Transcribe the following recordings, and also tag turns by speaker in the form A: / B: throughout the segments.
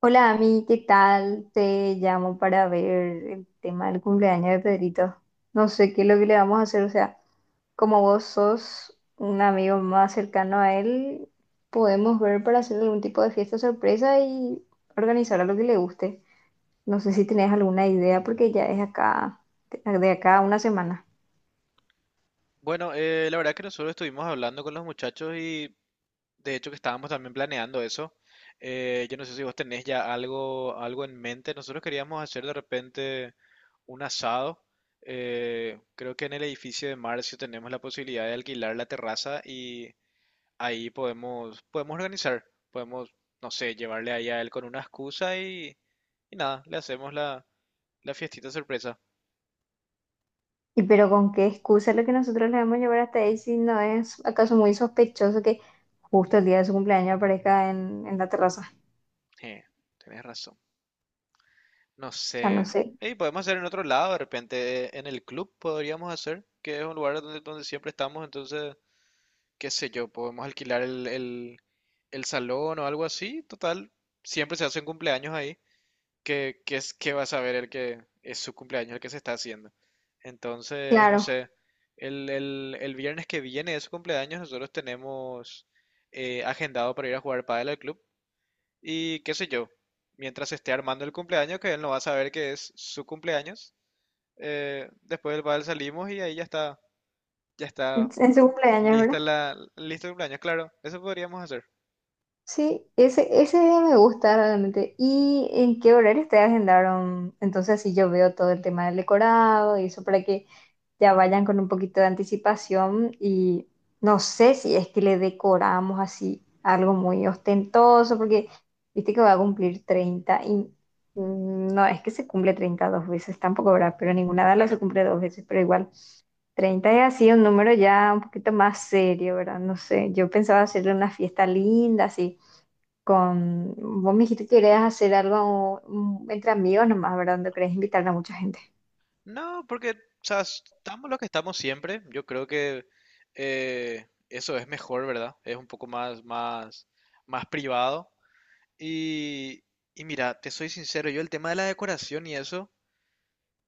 A: Hola, Ami, ¿qué tal? Te llamo para ver el tema del cumpleaños de Pedrito. No sé qué es lo que le vamos a hacer, o sea, como vos sos un amigo más cercano a él, podemos ver para hacer algún tipo de fiesta sorpresa y organizar a lo que le guste. No sé si tenés alguna idea porque ya es acá, de acá a una semana.
B: Bueno, la verdad que nosotros estuvimos hablando con los muchachos y de hecho que estábamos también planeando eso. Yo no sé si vos tenés ya algo en mente. Nosotros queríamos hacer de repente un asado. Creo que en el edificio de Marcio tenemos la posibilidad de alquilar la terraza y ahí podemos organizar. Podemos, no sé, llevarle ahí a él con una excusa y nada, le hacemos la fiestita sorpresa.
A: ¿Y pero con qué excusa lo que nosotros le vamos a llevar hasta ahí, si no es acaso muy sospechoso que justo el día de su cumpleaños aparezca en la terraza?
B: Eh, Tenés razón. No
A: O sea, no
B: sé.
A: sé.
B: Y podemos hacer en otro lado, de repente en el club podríamos hacer, que es un lugar donde siempre estamos, entonces, qué sé yo, podemos alquilar el salón o algo así, total, siempre se hacen cumpleaños ahí, que es que va a saber el que es su cumpleaños el que se está haciendo. Entonces, no
A: Claro,
B: sé, el viernes que viene de su cumpleaños nosotros tenemos agendado para ir a jugar pádel al club, y qué sé yo, mientras esté armando el cumpleaños, que él no va a saber que es su cumpleaños, después del bal salimos y ahí ya está
A: en su cumpleaños, ¿verdad?
B: listo el cumpleaños, claro, eso podríamos hacer,
A: Sí, ese día me gusta realmente. ¿Y en qué horario te agendaron? Entonces, así yo veo todo el tema del decorado y eso para que ya vayan con un poquito de anticipación. Y no sé si es que le decoramos así algo muy ostentoso, porque viste que va a cumplir 30 no es que se cumple 30 dos veces, tampoco, ¿verdad? Pero ninguna de las
B: claro.
A: se cumple dos veces, pero igual. 30 es así un número ya un poquito más serio, ¿verdad? No sé, yo pensaba hacerle una fiesta linda, así, con... Vos me dijiste que querías hacer algo entre amigos nomás, ¿verdad? Donde querés invitar a mucha gente.
B: No, porque, o sea, estamos lo que estamos siempre, yo creo que eso es mejor, ¿verdad? Es un poco más privado. Y, y mira, te soy sincero, yo el tema de la decoración y eso,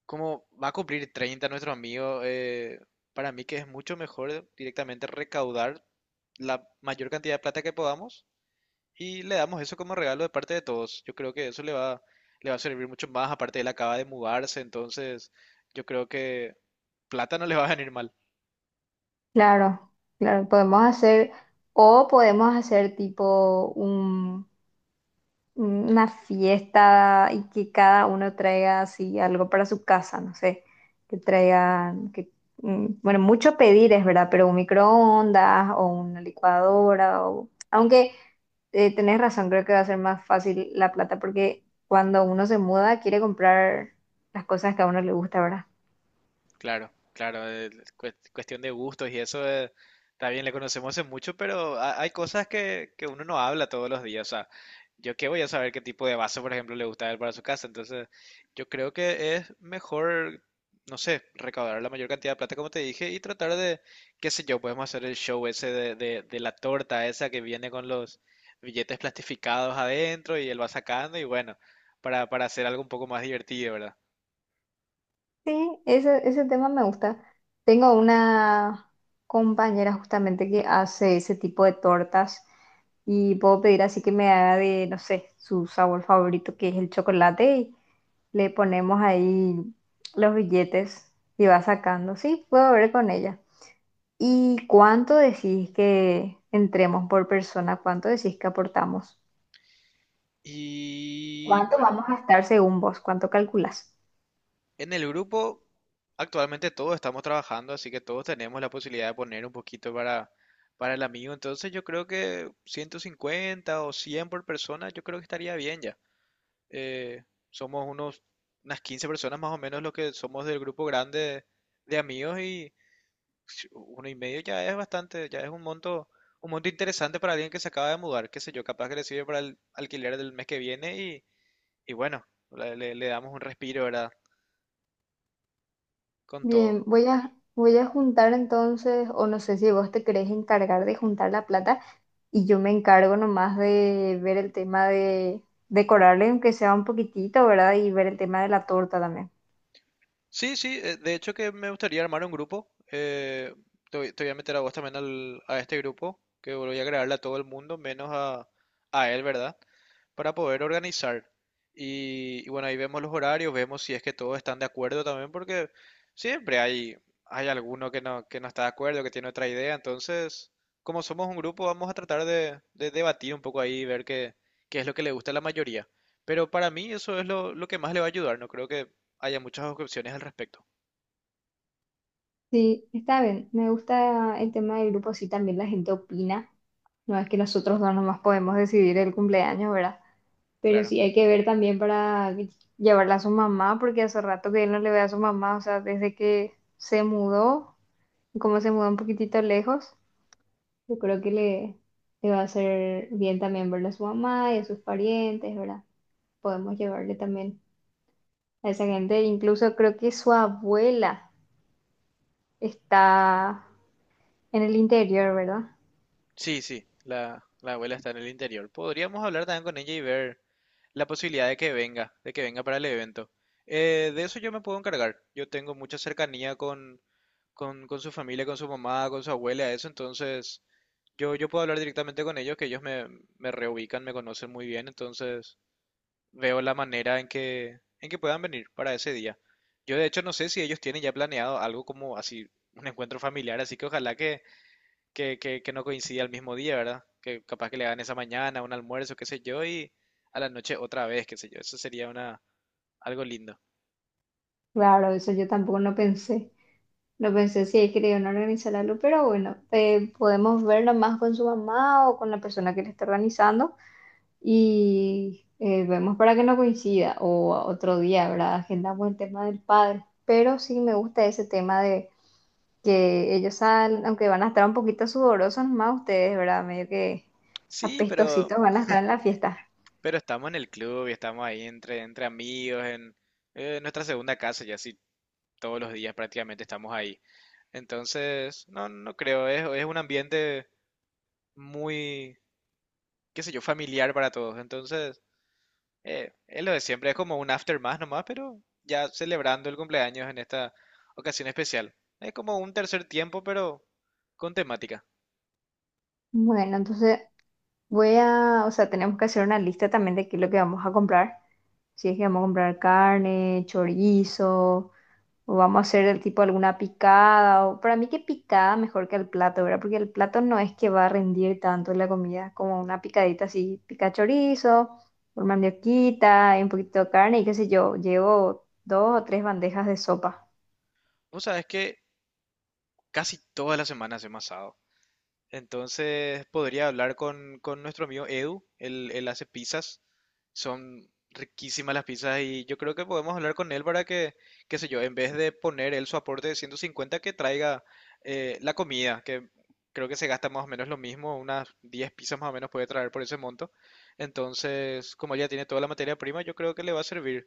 B: como va a cumplir 30 nuestro amigo, para mí que es mucho mejor directamente recaudar la mayor cantidad de plata que podamos y le damos eso como regalo de parte de todos. Yo creo que eso le va a servir mucho más, aparte él acaba de mudarse, entonces yo creo que plata no le va a venir mal.
A: Claro, claro, podemos hacer, o podemos hacer tipo una fiesta y que cada uno traiga así algo para su casa, no sé, que traigan, que, mm, bueno, mucho pedir es verdad, pero un microondas o una licuadora, o, aunque tenés razón, creo que va a ser más fácil la plata porque cuando uno se muda quiere comprar las cosas que a uno le gusta, ¿verdad?
B: Claro, claro, cuestión de gustos y eso también le conocemos en mucho, pero hay cosas que uno no habla todos los días. O sea, yo qué voy a saber qué tipo de vaso, por ejemplo, le gusta a él para su casa. Entonces, yo creo que es mejor, no sé, recaudar la mayor cantidad de plata, como te dije, y tratar de, qué sé yo, podemos hacer el show ese de la torta esa que viene con los billetes plastificados adentro y él va sacando y bueno, para hacer algo un poco más divertido, ¿verdad?
A: Sí, ese tema me gusta. Tengo una compañera justamente que hace ese tipo de tortas y puedo pedir así que me haga de, no sé, su sabor favorito que es el chocolate y le ponemos ahí los billetes y va sacando. Sí, puedo ver con ella. ¿Y cuánto decís que entremos por persona? ¿Cuánto decís que aportamos?
B: Y
A: ¿Cuánto
B: bueno.
A: vamos a estar según vos? ¿Cuánto calculás?
B: En el grupo, actualmente todos estamos trabajando, así que todos tenemos la posibilidad de poner un poquito para el amigo. Entonces yo creo que 150 o 100 por persona, yo creo que estaría bien ya. Eh, Somos unas 15 personas más o menos los que somos del grupo grande de amigos y si uno y medio ya es bastante, ya es un monto interesante para alguien que se acaba de mudar, qué sé yo, capaz que le sirve para el alquiler del mes que viene y bueno, le damos un respiro, ¿verdad? Con todo.
A: Bien, voy a juntar entonces, o no sé si vos te querés encargar de juntar la plata y yo me encargo nomás de ver el tema de decorarle, aunque sea un poquitito, ¿verdad? Y ver el tema de la torta también.
B: Sí, sí, de hecho que me gustaría armar un grupo. Te voy a meter a vos también a este grupo, que voy a agregarle a todo el mundo, menos a él, ¿verdad? Para poder organizar. Y bueno, ahí vemos los horarios, vemos si es que todos están de acuerdo también, porque siempre hay, hay alguno que no está de acuerdo, que tiene otra idea. Entonces, como somos un grupo, vamos a tratar de debatir un poco ahí y ver qué, qué es lo que le gusta a la mayoría. Pero para mí eso es lo que más le va a ayudar. No creo que haya muchas objeciones al respecto.
A: Sí, está bien, me gusta el tema del grupo, sí, también la gente opina. No es que nosotros dos nomás podemos decidir el cumpleaños, ¿verdad? Pero
B: Claro.
A: sí hay que ver también para llevarla a su mamá, porque hace rato que él no le ve a su mamá, o sea, desde que se mudó, como se mudó un poquitito lejos, yo creo que le va a hacer bien también verle a su mamá y a sus parientes, ¿verdad? Podemos llevarle también a esa gente. Incluso creo que su abuela está en el interior, ¿verdad?
B: Sí, sí, la abuela está en el interior. Podríamos hablar también con ella y ver la posibilidad de que venga para el evento. De eso yo me puedo encargar. Yo tengo mucha cercanía con su familia, con su mamá, con su abuela, eso, entonces yo puedo hablar directamente con ellos, que ellos me reubican, me conocen muy bien, entonces veo la manera en en que puedan venir para ese día. Yo de hecho no sé si ellos tienen ya planeado algo como así, un encuentro familiar, así que ojalá que que no coincida el mismo día, ¿verdad? Que capaz que le dan esa mañana, un almuerzo, qué sé yo, y a la noche otra vez, qué sé yo. Eso sería una, algo lindo.
A: Claro, eso yo tampoco no pensé. No pensé si ahí querían organizar algo, pero bueno, podemos ver nomás con su mamá o con la persona que le está organizando y vemos para que no coincida o otro día, ¿verdad? Agendamos el tema del padre. Pero sí me gusta ese tema de que ellos salen, aunque van a estar un poquito sudorosos más ustedes, ¿verdad? Medio que
B: Sí,
A: apestositos van a estar en la fiesta.
B: pero estamos en el club y estamos ahí entre amigos, en nuestra segunda casa, y así todos los días prácticamente estamos ahí. Entonces, no, no creo, es un ambiente muy, qué sé yo, familiar para todos. Entonces, es lo de siempre, es como un after más nomás, pero ya celebrando el cumpleaños en esta ocasión especial. Es como un tercer tiempo, pero con temática.
A: Bueno, entonces voy a, o sea, tenemos que hacer una lista también de qué es lo que vamos a comprar. Si es que vamos a comprar carne, chorizo, o vamos a hacer el tipo alguna picada, o para mí que picada mejor que el plato, ¿verdad? Porque el plato no es que va a rendir tanto la comida como una picadita así, pica chorizo, por mandioquita, y un poquito de carne y qué sé yo, llevo dos o tres bandejas de sopa.
B: Vos sabés que casi todas las semanas hacemos asado. Entonces podría hablar con nuestro amigo Edu, él hace pizzas, son riquísimas las pizzas y yo creo que podemos hablar con él para que, qué sé yo, en vez de poner él su aporte de 150, que traiga la comida, que creo que se gasta más o menos lo mismo, unas 10 pizzas más o menos puede traer por ese monto. Entonces, como él ya tiene toda la materia prima, yo creo que le va a servir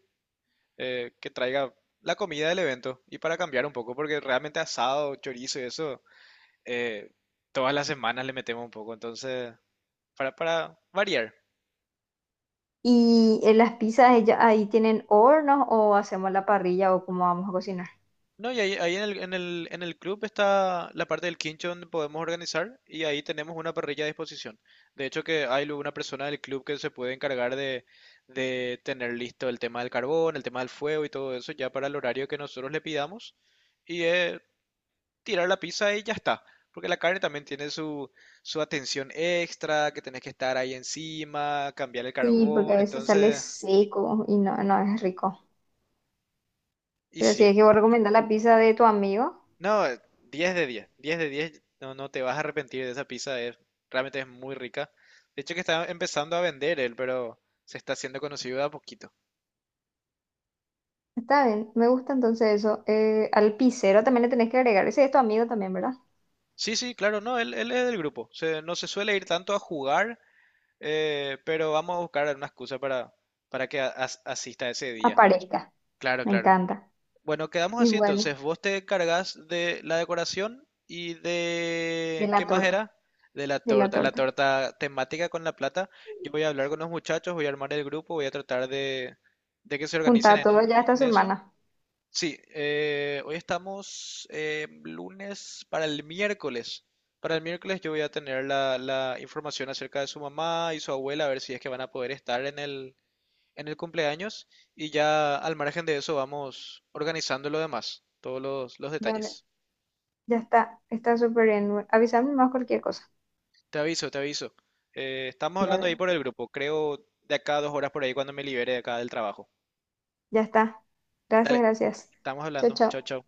B: que traiga la comida del evento y para cambiar un poco, porque realmente asado, chorizo y eso eh, todas las semanas le metemos un poco, entonces, para variar.
A: ¿Y en las pizzas ahí tienen hornos o hacemos la parrilla o cómo vamos a cocinar?
B: No, y ahí en el club está la parte del quincho donde podemos organizar y ahí tenemos una parrilla a disposición. De hecho, que hay luego una persona del club que se puede encargar de tener listo el tema del carbón, el tema del fuego y todo eso ya para el horario que nosotros le pidamos y tirar la pizza y ya está. Porque la carne también tiene su atención extra, que tenés que estar ahí encima, cambiar el
A: Sí,
B: carbón,
A: porque a veces sale
B: entonces,
A: seco y no, no es rico.
B: y
A: Pero si
B: sí.
A: es que vos recomendar la pizza de tu amigo.
B: No, 10 de 10, no, no te vas a arrepentir de esa pizza, es, realmente es muy rica. De hecho que está empezando a vender él, pero se está haciendo conocido de a poquito.
A: Está bien, me gusta entonces eso. Al pisero también le tenés que agregar. Ese es tu amigo también, ¿verdad?
B: Sí, sí, claro, no, él es del grupo, no se suele ir tanto a jugar, pero vamos a buscar una excusa para que asista ese día.
A: Aparezca,
B: Claro,
A: me
B: claro.
A: encanta.
B: Bueno, quedamos
A: Y
B: así
A: bueno,
B: entonces. Vos te encargás de la decoración y
A: de
B: de... ¿Qué
A: la
B: más
A: torta,
B: era? De
A: de la
B: la
A: torta.
B: torta temática con la plata. Yo voy a hablar con los muchachos, voy a armar el grupo, voy a tratar de que se organicen
A: Junta
B: en
A: todo
B: el
A: ya
B: grupo
A: esta
B: con eso.
A: semana.
B: Sí, hoy estamos lunes para el miércoles. Para el miércoles yo voy a tener la información acerca de su mamá y su abuela, a ver si es que van a poder estar en en el cumpleaños y ya al margen de eso vamos organizando lo demás, todos los
A: Dale,
B: detalles.
A: ya está, está súper bien. Avísame más cualquier cosa.
B: Te aviso, te aviso. Estamos hablando ahí
A: Dale,
B: por el grupo, creo de acá a 2 horas por ahí cuando me libere de acá del trabajo.
A: ya está. Gracias,
B: Dale,
A: gracias.
B: estamos
A: Chao,
B: hablando. Chao,
A: chao.
B: chao.